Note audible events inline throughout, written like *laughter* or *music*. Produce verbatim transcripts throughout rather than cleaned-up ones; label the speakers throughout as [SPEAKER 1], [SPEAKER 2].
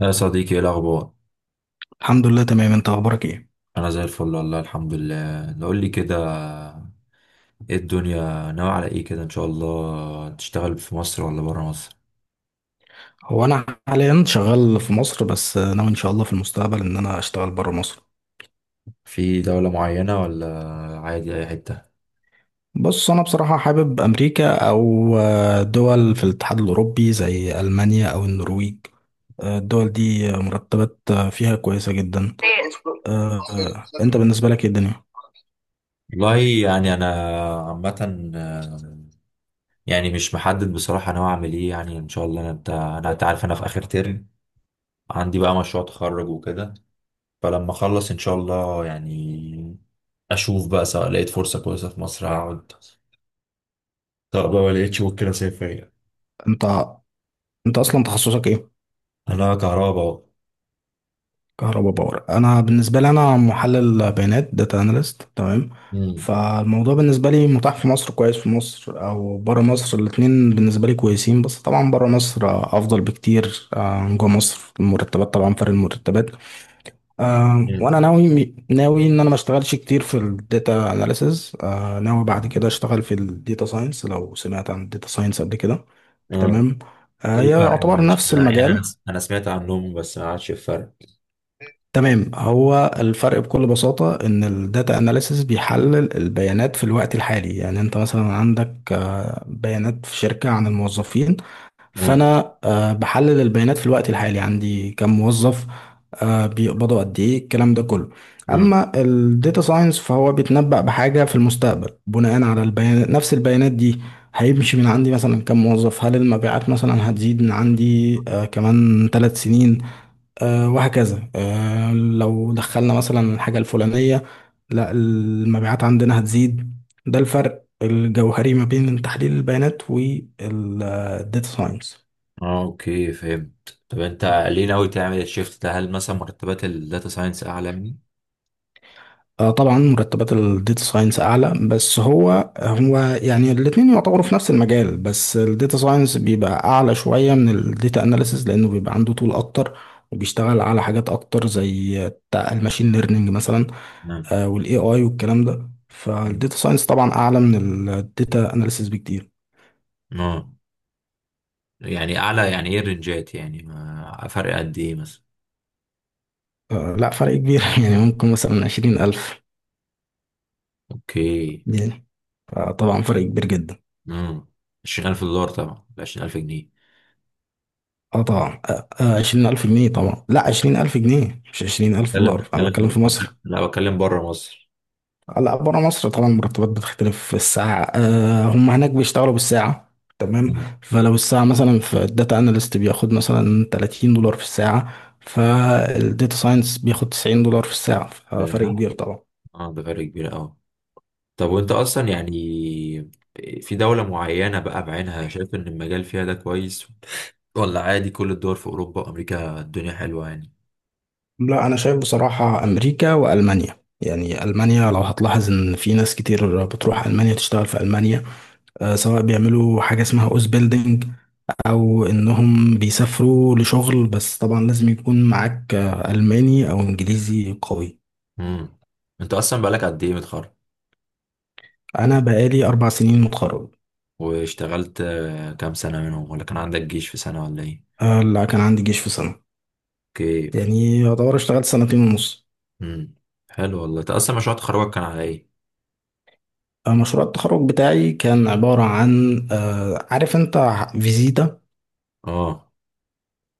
[SPEAKER 1] يا صديقي، ايه الاخبار؟
[SPEAKER 2] الحمد لله تمام. انت اخبارك ايه؟
[SPEAKER 1] انا زي الفل، والله الحمد لله. نقول لي كده، ايه الدنيا ناوي على ايه كده؟ ان شاء الله تشتغل في مصر ولا برا مصر؟
[SPEAKER 2] هو انا حاليا شغال في مصر، بس ناوي ان شاء الله في المستقبل ان انا اشتغل بره مصر.
[SPEAKER 1] في دولة معينة ولا عادي اي حتة؟
[SPEAKER 2] بص، انا بصراحة حابب امريكا او آه، دول في الاتحاد الاوروبي زي المانيا او النرويج. آه، الدول دي مرتبات آه، فيها كويسة جدا. آه، آه، انت بالنسبة لك ايه الدنيا؟
[SPEAKER 1] والله يعني انا عامة، آه، يعني مش محدد بصراحة، ناوي اعمل ايه يعني؟ ان شاء الله، انا بتاع، انا انت عارف انا في اخر ترم، عندي بقى مشروع تخرج وكده. فلما اخلص ان شاء الله، يعني اشوف بقى، سواء لقيت فرصة كويسة في مصر هقعد، طب لو ما لقيتش ممكن اسافر يعني.
[SPEAKER 2] انت انت اصلا تخصصك ايه؟
[SPEAKER 1] انا كهرباء بقى.
[SPEAKER 2] كهرباء باور. انا بالنسبه لي انا محلل بيانات، داتا اناليست، تمام.
[SPEAKER 1] امم.
[SPEAKER 2] فالموضوع بالنسبه لي متاح في مصر، كويس في مصر او بره مصر، الاتنين بالنسبه لي كويسين، بس طبعا بره مصر آه، افضل بكتير آه، عن جوه مصر، المرتبات طبعا، فرق المرتبات. آه،
[SPEAKER 1] امم.
[SPEAKER 2] وانا ناوي ناوي ان انا ما اشتغلش كتير في الداتا اناليسز، ناوي بعد كده اشتغل في الداتا ساينس. لو سمعت عن الداتا ساينس قبل كده،
[SPEAKER 1] اه،
[SPEAKER 2] تمام. آه،
[SPEAKER 1] ايه
[SPEAKER 2] هي
[SPEAKER 1] الفرق ما
[SPEAKER 2] يعتبر
[SPEAKER 1] بينهم؟
[SPEAKER 2] نفس
[SPEAKER 1] انا يعني انا،
[SPEAKER 2] المجال.
[SPEAKER 1] انا سمعت عنهم بس ما عادش الفرق.
[SPEAKER 2] تمام، هو الفرق بكل بساطة إن الداتا أناليسيس بيحلل البيانات في الوقت الحالي. يعني أنت مثلا عندك آه، بيانات في شركة عن الموظفين،
[SPEAKER 1] امم.
[SPEAKER 2] فأنا آه، بحلل البيانات في الوقت الحالي، عندي كم موظف، آه، بيقبضوا قد إيه، الكلام ده كله.
[SPEAKER 1] امم.
[SPEAKER 2] أما الداتا ساينس فهو بيتنبأ بحاجة في المستقبل بناء على البيانات، نفس البيانات دي. هيمشي من عندي مثلا كم موظف، هل المبيعات مثلا هتزيد من عندي آه، كمان ثلاث سنين، آه، وهكذا. آه، لو دخلنا مثلا الحاجة الفلانية، لا، المبيعات عندنا هتزيد. ده الفرق الجوهري ما بين تحليل البيانات والداتا ساينس.
[SPEAKER 1] اه، اوكي، فهمت. طب انت ليه ناوي تعمل الشيفت ده؟ هل مثلا مرتبات الداتا ساينس اعلى يعني؟
[SPEAKER 2] آه، طبعا مرتبات الداتا ساينس اعلى، بس هو هو يعني الاتنين يعتبروا في نفس المجال، بس الداتا ساينس بيبقى اعلى شوية من الداتا اناليسز لانه بيبقى عنده طول اكتر وبيشتغل على حاجات اكتر زي الماشين ليرنينج مثلا،
[SPEAKER 1] امم.
[SPEAKER 2] آه، والاي اي والكلام ده.
[SPEAKER 1] أمم.
[SPEAKER 2] فالديتا ساينس طبعا اعلى من الديتا اناليسيس بكتير.
[SPEAKER 1] اه، يعني اعلى يعني، ايه الرنجات يعني؟ ما فرق قد ايه مثلا؟
[SPEAKER 2] آه، لا، فرق كبير *laughs* يعني ممكن مثلا عشرين ألف،
[SPEAKER 1] اوكي.
[SPEAKER 2] يعني آه، طبعا فرق كبير جدا.
[SPEAKER 1] امم. عشرين ألف دولار طبعا، عشرين ألف جنيه؟
[SPEAKER 2] اه طبعا، آه، آه، عشرين ألف جنيه طبعا. لا، عشرين ألف جنيه، مش عشرين ألف
[SPEAKER 1] بتكلم،
[SPEAKER 2] دولار أنا بتكلم في مصر.
[SPEAKER 1] بتكلم. لا، بتكلم بره مصر.
[SPEAKER 2] آه، لا، بره مصر طبعا المرتبات بتختلف. في الساعة، آه هم هناك بيشتغلوا بالساعة، تمام. فلو الساعة مثلا في الداتا اناليست بياخد مثلا تلاتين دولار في الساعة، فالديتا ساينس بياخد تسعين دولار في الساعة.
[SPEAKER 1] أمم.
[SPEAKER 2] فرق كبير طبعا.
[SPEAKER 1] اه، ده فرق كبير قوي. طب وانت اصلا يعني، في دولة معينة بقى بعينها شايف ان المجال فيها ده كويس؟ ولا عادي كل الدول في اوروبا وامريكا الدنيا حلوة يعني؟
[SPEAKER 2] لا، انا شايف بصراحة امريكا والمانيا. يعني المانيا لو هتلاحظ ان في ناس كتير بتروح المانيا تشتغل في المانيا، آه، سواء بيعملوا حاجة اسمها اوز بيلدينج او انهم بيسافروا لشغل، بس طبعا لازم يكون معاك آه، الماني او انجليزي قوي.
[SPEAKER 1] امم. انت اصلا بقالك قد ايه متخرج؟
[SPEAKER 2] انا بقالي اربع سنين متخرج.
[SPEAKER 1] واشتغلت آه، كام سنة منهم، ولا كان عندك جيش في سنة، ولا ايه؟
[SPEAKER 2] آه، لا كان عندي جيش في سنة،
[SPEAKER 1] اوكي.
[SPEAKER 2] يعني يعتبر اشتغلت سنتين ونص.
[SPEAKER 1] امم. حلو والله. انت اصلا مشروع تخرجك كان على ايه؟
[SPEAKER 2] آه، مشروع التخرج بتاعي كان عبارة عن آه، عارف انت فيزيتا؟
[SPEAKER 1] اه.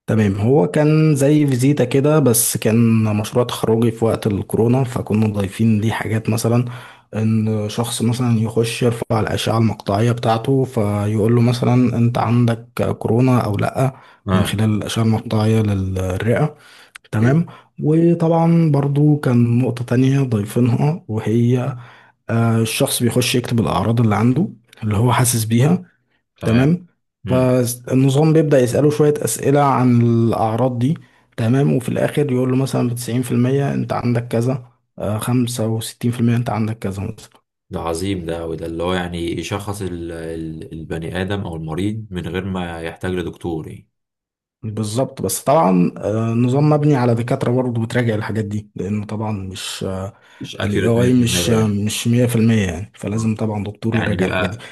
[SPEAKER 2] تمام، هو كان زي فيزيتا كده، بس كان مشروع تخرجي في وقت الكورونا، فكنا ضايفين ليه حاجات. مثلا ان شخص مثلا يخش يرفع الأشعة المقطعية بتاعته، فيقول له مثلا انت عندك كورونا او لا، من
[SPEAKER 1] اه.
[SPEAKER 2] خلال الأشعة المقطعية للرئة،
[SPEAKER 1] اوكي.
[SPEAKER 2] تمام. وطبعا برضو كان نقطة تانية ضايفينها، وهي آه، الشخص بيخش يكتب الأعراض اللي عنده، اللي هو حاسس بيها،
[SPEAKER 1] تمام.
[SPEAKER 2] تمام.
[SPEAKER 1] امم.
[SPEAKER 2] فالنظام بيبدأ يسأله شوية أسئلة عن الأعراض دي، تمام، وفي الآخر يقول له مثلا بتسعين في المية أنت عندك كذا، آه، خمسة وستين في المية أنت عندك كذا مثلا.
[SPEAKER 1] ده عظيم، ده وده اللي هو يعني يشخص ال- ال- البني آدم أو المريض من غير ما يحتاج لدكتور يعني.
[SPEAKER 2] بالظبط، بس طبعا آه، النظام مبني على دكاترة برضه بتراجع الحاجات دي، لأنه طبعا مش آه،
[SPEAKER 1] مش
[SPEAKER 2] ال
[SPEAKER 1] اكيوريت
[SPEAKER 2] إيه آي مش
[SPEAKER 1] مية في المية
[SPEAKER 2] آه،
[SPEAKER 1] يعني.
[SPEAKER 2] مش مية في المية، يعني
[SPEAKER 1] آه.
[SPEAKER 2] فلازم طبعا دكتور
[SPEAKER 1] يعني
[SPEAKER 2] يراجع الحاجات دي.
[SPEAKER 1] بيبقى،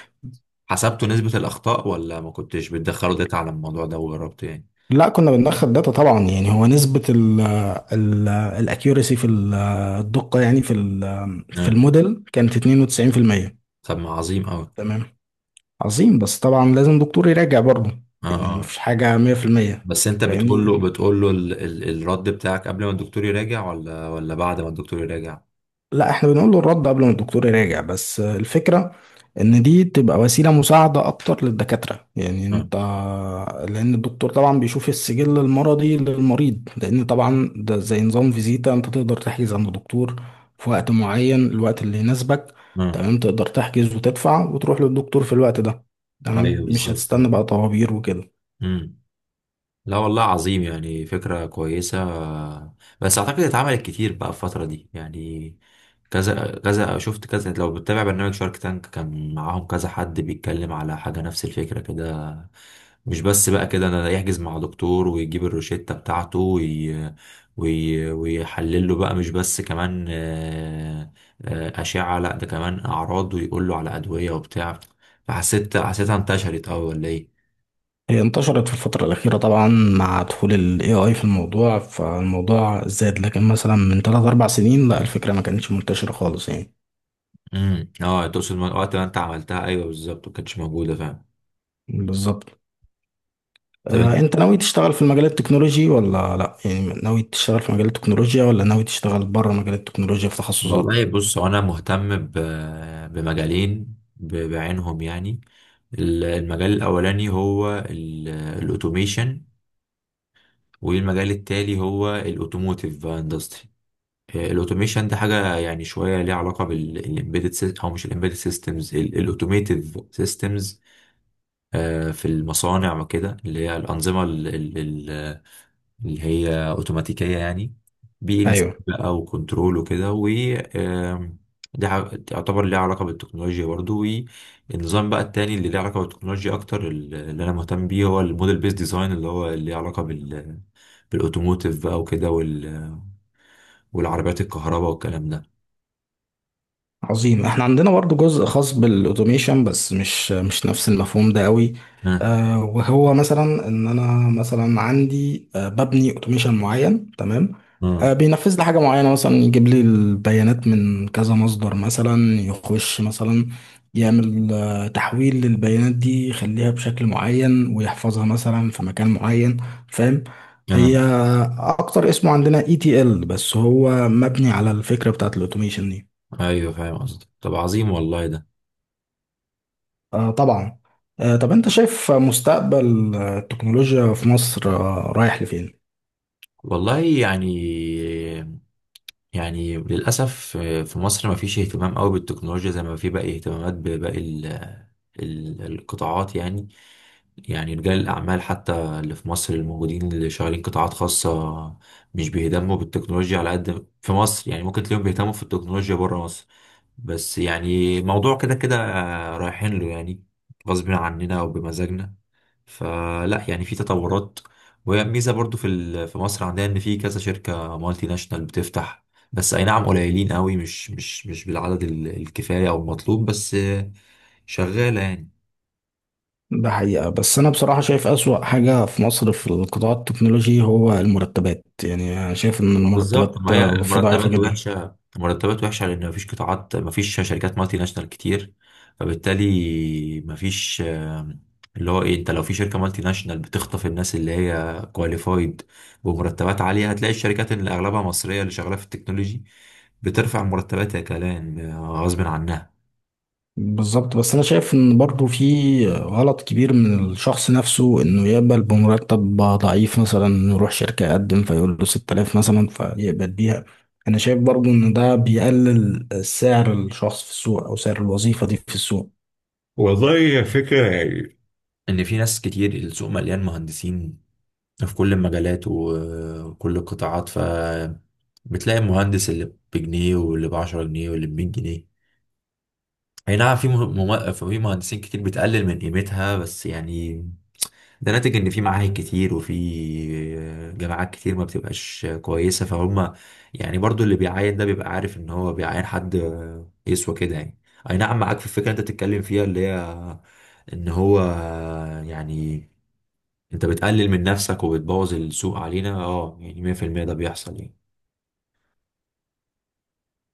[SPEAKER 1] حسبتوا نسبة الأخطاء، ولا ما كنتش بتدخلوا داتا على الموضوع ده وجربت يعني؟
[SPEAKER 2] لا كنا بندخل داتا طبعا. يعني هو نسبة ال ال الاكيورسي في ال- الدقة يعني في ال- في
[SPEAKER 1] آه.
[SPEAKER 2] الموديل كانت اتنين وتسعين في المية،
[SPEAKER 1] طب ما عظيم أوي.
[SPEAKER 2] تمام. عظيم، بس طبعا لازم دكتور يراجع برضه،
[SPEAKER 1] آه.
[SPEAKER 2] يعني
[SPEAKER 1] آه.
[SPEAKER 2] مفيش حاجة مية في المية.
[SPEAKER 1] بس أنت بتقول له،
[SPEAKER 2] فاهمني،
[SPEAKER 1] بتقول له ال ال الرد بتاعك قبل ما الدكتور يراجع ولا ولا بعد ما الدكتور يراجع؟
[SPEAKER 2] لا احنا بنقول له الرد قبل ما الدكتور يراجع، بس الفكرة ان دي تبقى وسيلة مساعدة اكتر للدكاترة. يعني
[SPEAKER 1] آه.
[SPEAKER 2] انت، لان الدكتور طبعا بيشوف السجل المرضي للمريض، لان طبعا ده زي نظام فيزيتا، انت تقدر تحجز عند الدكتور في وقت معين، الوقت اللي يناسبك،
[SPEAKER 1] آه.
[SPEAKER 2] تمام. تقدر تحجز وتدفع وتروح للدكتور في الوقت ده،
[SPEAKER 1] أيوه
[SPEAKER 2] تمام، مش
[SPEAKER 1] بالظبط. آه.
[SPEAKER 2] هتستنى بقى طوابير وكده.
[SPEAKER 1] مم. لا والله عظيم، يعني فكرة كويسة. بس أعتقد اتعملت كتير بقى الفترة دي يعني. كذا كذا شفت كذا، لو بتتابع برنامج شارك تانك كان معاهم كذا حد بيتكلم على حاجة نفس الفكرة كده. مش بس بقى كده، أنا يحجز مع دكتور ويجيب الروشتة بتاعته وي... وي... ويحلل له بقى، مش بس كمان آه، آه، أشعة، لا ده كمان أعراض، ويقول له على أدوية وبتاع. فحسيت، حسيتها انتشرت أوي ولا إيه؟
[SPEAKER 2] هي انتشرت في الفترة الأخيرة طبعا مع دخول ال إيه آي في الموضوع، فالموضوع زاد، لكن مثلا من تلات أربع سنين لا، الفكرة ما كانتش منتشرة خالص يعني.
[SPEAKER 1] امم. اه، تقصد من وقت ما انت عملتها. ايوه بالظبط، ما كانتش موجوده فعلا.
[SPEAKER 2] بالظبط.
[SPEAKER 1] طب
[SPEAKER 2] آه،
[SPEAKER 1] أنت-
[SPEAKER 2] أنت ناوي تشتغل في المجال التكنولوجي ولا لا؟ يعني ناوي تشتغل في مجال التكنولوجيا، ولا ناوي تشتغل بره مجال التكنولوجيا في تخصصات؟
[SPEAKER 1] والله بص، هو انا مهتم ب... بمجالين ب... بعينهم يعني. ال- المجال الاولاني هو ال- الاوتوميشن، والمجال التالي هو الاوتوموتيف اندستري. الاوتوميشن ده حاجه يعني شويه ليها علاقه بالامبيدد، او مش الامبيدد سيستمز، الاوتوميتيف سيستمز في المصانع وكده، اللي هي الانظمه اللي هي اوتوماتيكية يعني. بي ال مم. سي
[SPEAKER 2] أيوه.
[SPEAKER 1] بقى، وكنترول وكده، و آم، ده ع- يعتبر ليه علاقة بالتكنولوجيا برضو. والنظام بقى التاني اللي ليه علاقة بالتكنولوجيا أكتر، اللي أنا مهتم بيه، هو الموديل بيس ديزاين، اللي هو اللي ليه علاقة بال، بالأوتوموتيف بقى وكده وال... والعربيات الكهرباء والكلام ده.
[SPEAKER 2] عظيم، احنا عندنا برضو جزء خاص بالاوتوميشن، بس مش مش نفس المفهوم ده قوي.
[SPEAKER 1] اه.
[SPEAKER 2] آه، وهو مثلا ان انا مثلا عندي آه ببني اوتوميشن معين، تمام، آه
[SPEAKER 1] اه.
[SPEAKER 2] بينفذ لي حاجه معينه، مثلا يجيب لي البيانات من كذا مصدر، مثلا يخش مثلا يعمل آه تحويل للبيانات دي، يخليها بشكل معين ويحفظها مثلا في مكان معين. فاهم، هي
[SPEAKER 1] اه.
[SPEAKER 2] اكتر اسمه عندنا اي تي ال، بس هو مبني على الفكره بتاعت الاوتوميشن دي.
[SPEAKER 1] ايوه فاهم قصدك. طب عظيم والله ده.
[SPEAKER 2] آه طبعا. آه، طب انت شايف مستقبل آه، التكنولوجيا في مصر آه رايح لفين؟
[SPEAKER 1] والله يعني، يعني للأسف آه، في مصر ما فيش اهتمام قوي بالتكنولوجيا زي ما في باقي اهتمامات بباقي ال- ال- القطاعات يعني. يعني رجال الأعمال حتى اللي في مصر الموجودين اللي شغالين قطاعات خاصة، مش بيهتموا بالتكنولوجيا على قد في مصر يعني. ممكن تلاقيهم بيهتموا في التكنولوجيا بره مصر. بس يعني موضوع كده كده آه، رايحين له يعني، غصب عننا وبمزاجنا. فلا يعني في تطورات، وهي ميزه برضو في ال- في مصر عندنا، ان في كذا شركه مالتي ناشونال بتفتح، بس اي نعم قليلين قوي، مش مش مش بالعدد ال- الكفايه او المطلوب، بس آه، شغاله يعني.
[SPEAKER 2] ده حقيقة، بس انا بصراحة شايف اسوأ حاجة في مصر في القطاع التكنولوجي هو المرتبات. يعني انا شايف ان
[SPEAKER 1] آه، بالظبط،
[SPEAKER 2] المرتبات
[SPEAKER 1] ما هي
[SPEAKER 2] آه، فيه ضعيفة
[SPEAKER 1] المرتبات
[SPEAKER 2] جدا.
[SPEAKER 1] وحشه، المرتبات وحشه لان مفيش قطاعات، مفيش شركات مالتي ناشونال كتير، فبالتالي مفيش. آه، اللي هو ايه، انت لو في شركه مالتي ناشونال بتخطف الناس اللي هي كواليفايد بمرتبات عاليه، هتلاقي الشركات اللي اغلبها مصريه اللي شغاله في التكنولوجي بترفع مرتباتها كمان آه، غصب عنها.
[SPEAKER 2] بالظبط، بس انا شايف ان برضو في غلط كبير من الشخص نفسه انه يقبل بمرتب ضعيف، مثلا يروح شركة يقدم فيقول له ستة آلاف مثلا فيقبل بيها. انا شايف برضو ان ده بيقلل سعر الشخص في السوق، او سعر الوظيفة دي في السوق.
[SPEAKER 1] والله يا فكرة يعني، ان في ناس كتير، السوق مليان مهندسين في كل المجالات و- وكل القطاعات، ف بتلاقي المهندس اللي بجنيه، واللي بعشرة جنيه، واللي بمية جنيه. اي نعم في مه- مم... في مهندسين كتير بتقلل من قيمتها بس يعني. ده ناتج ان في معاهد كتير، وفي جامعات كتير ما بتبقاش كويسة، فهم يعني برضو اللي بيعين ده بيبقى عارف ان هو بيعين حد يسوى كده يعني. اي نعم معاك في الفكرة اللي انت بتتكلم فيها، اللي هي ان هو يعني، انت بتقلل من نفسك وبتبوظ السوق علينا. اه يعني مية في المية ده بيحصل يعني.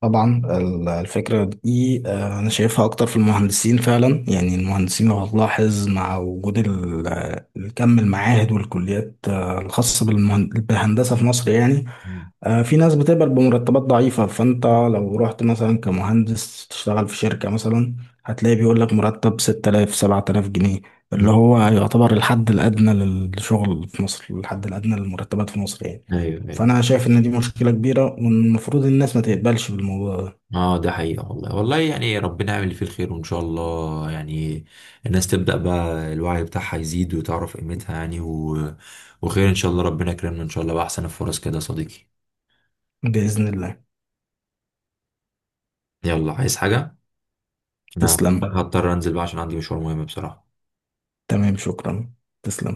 [SPEAKER 2] طبعا ال- الفكرة دي آه، أنا شايفها أكتر في المهندسين فعلا. يعني المهندسين لو هتلاحظ مع وجود ال- الكم المعاهد والكليات آه، الخاصة بالمهن- بالهندسة في مصر يعني
[SPEAKER 1] مم.
[SPEAKER 2] آه، في ناس بتقبل بمرتبات ضعيفة. فأنت لو رحت مثلا كمهندس تشتغل في شركة مثلا، هتلاقي بيقول لك مرتب ستة آلاف سبعة آلاف جنيه، اللي
[SPEAKER 1] مم.
[SPEAKER 2] هو يعتبر الحد الأدنى للشغل في مصر، الحد الأدنى للمرتبات في مصر يعني.
[SPEAKER 1] ايوه، ايوه.
[SPEAKER 2] فأنا شايف إن دي مشكلة كبيرة، والمفروض الناس ما تقبلش بالموضوع ده.
[SPEAKER 1] اه، ده حقيقة والله. والله يعني ربنا يعمل اللي فيه الخير، وان شاء الله يعني الناس تبدأ بقى الوعي بتاعها يزيد وتعرف قيمتها يعني و... وخير ان شاء الله. ربنا يكرمنا ان شاء الله بأحسن الفرص كده يا صديقي.
[SPEAKER 2] بإذن الله.
[SPEAKER 1] يلا، عايز حاجة؟ انا
[SPEAKER 2] تسلم.
[SPEAKER 1] هضطر انزل بقى عشان عندي مشوار مهم بصراحة.
[SPEAKER 2] تمام، شكرا. تسلم.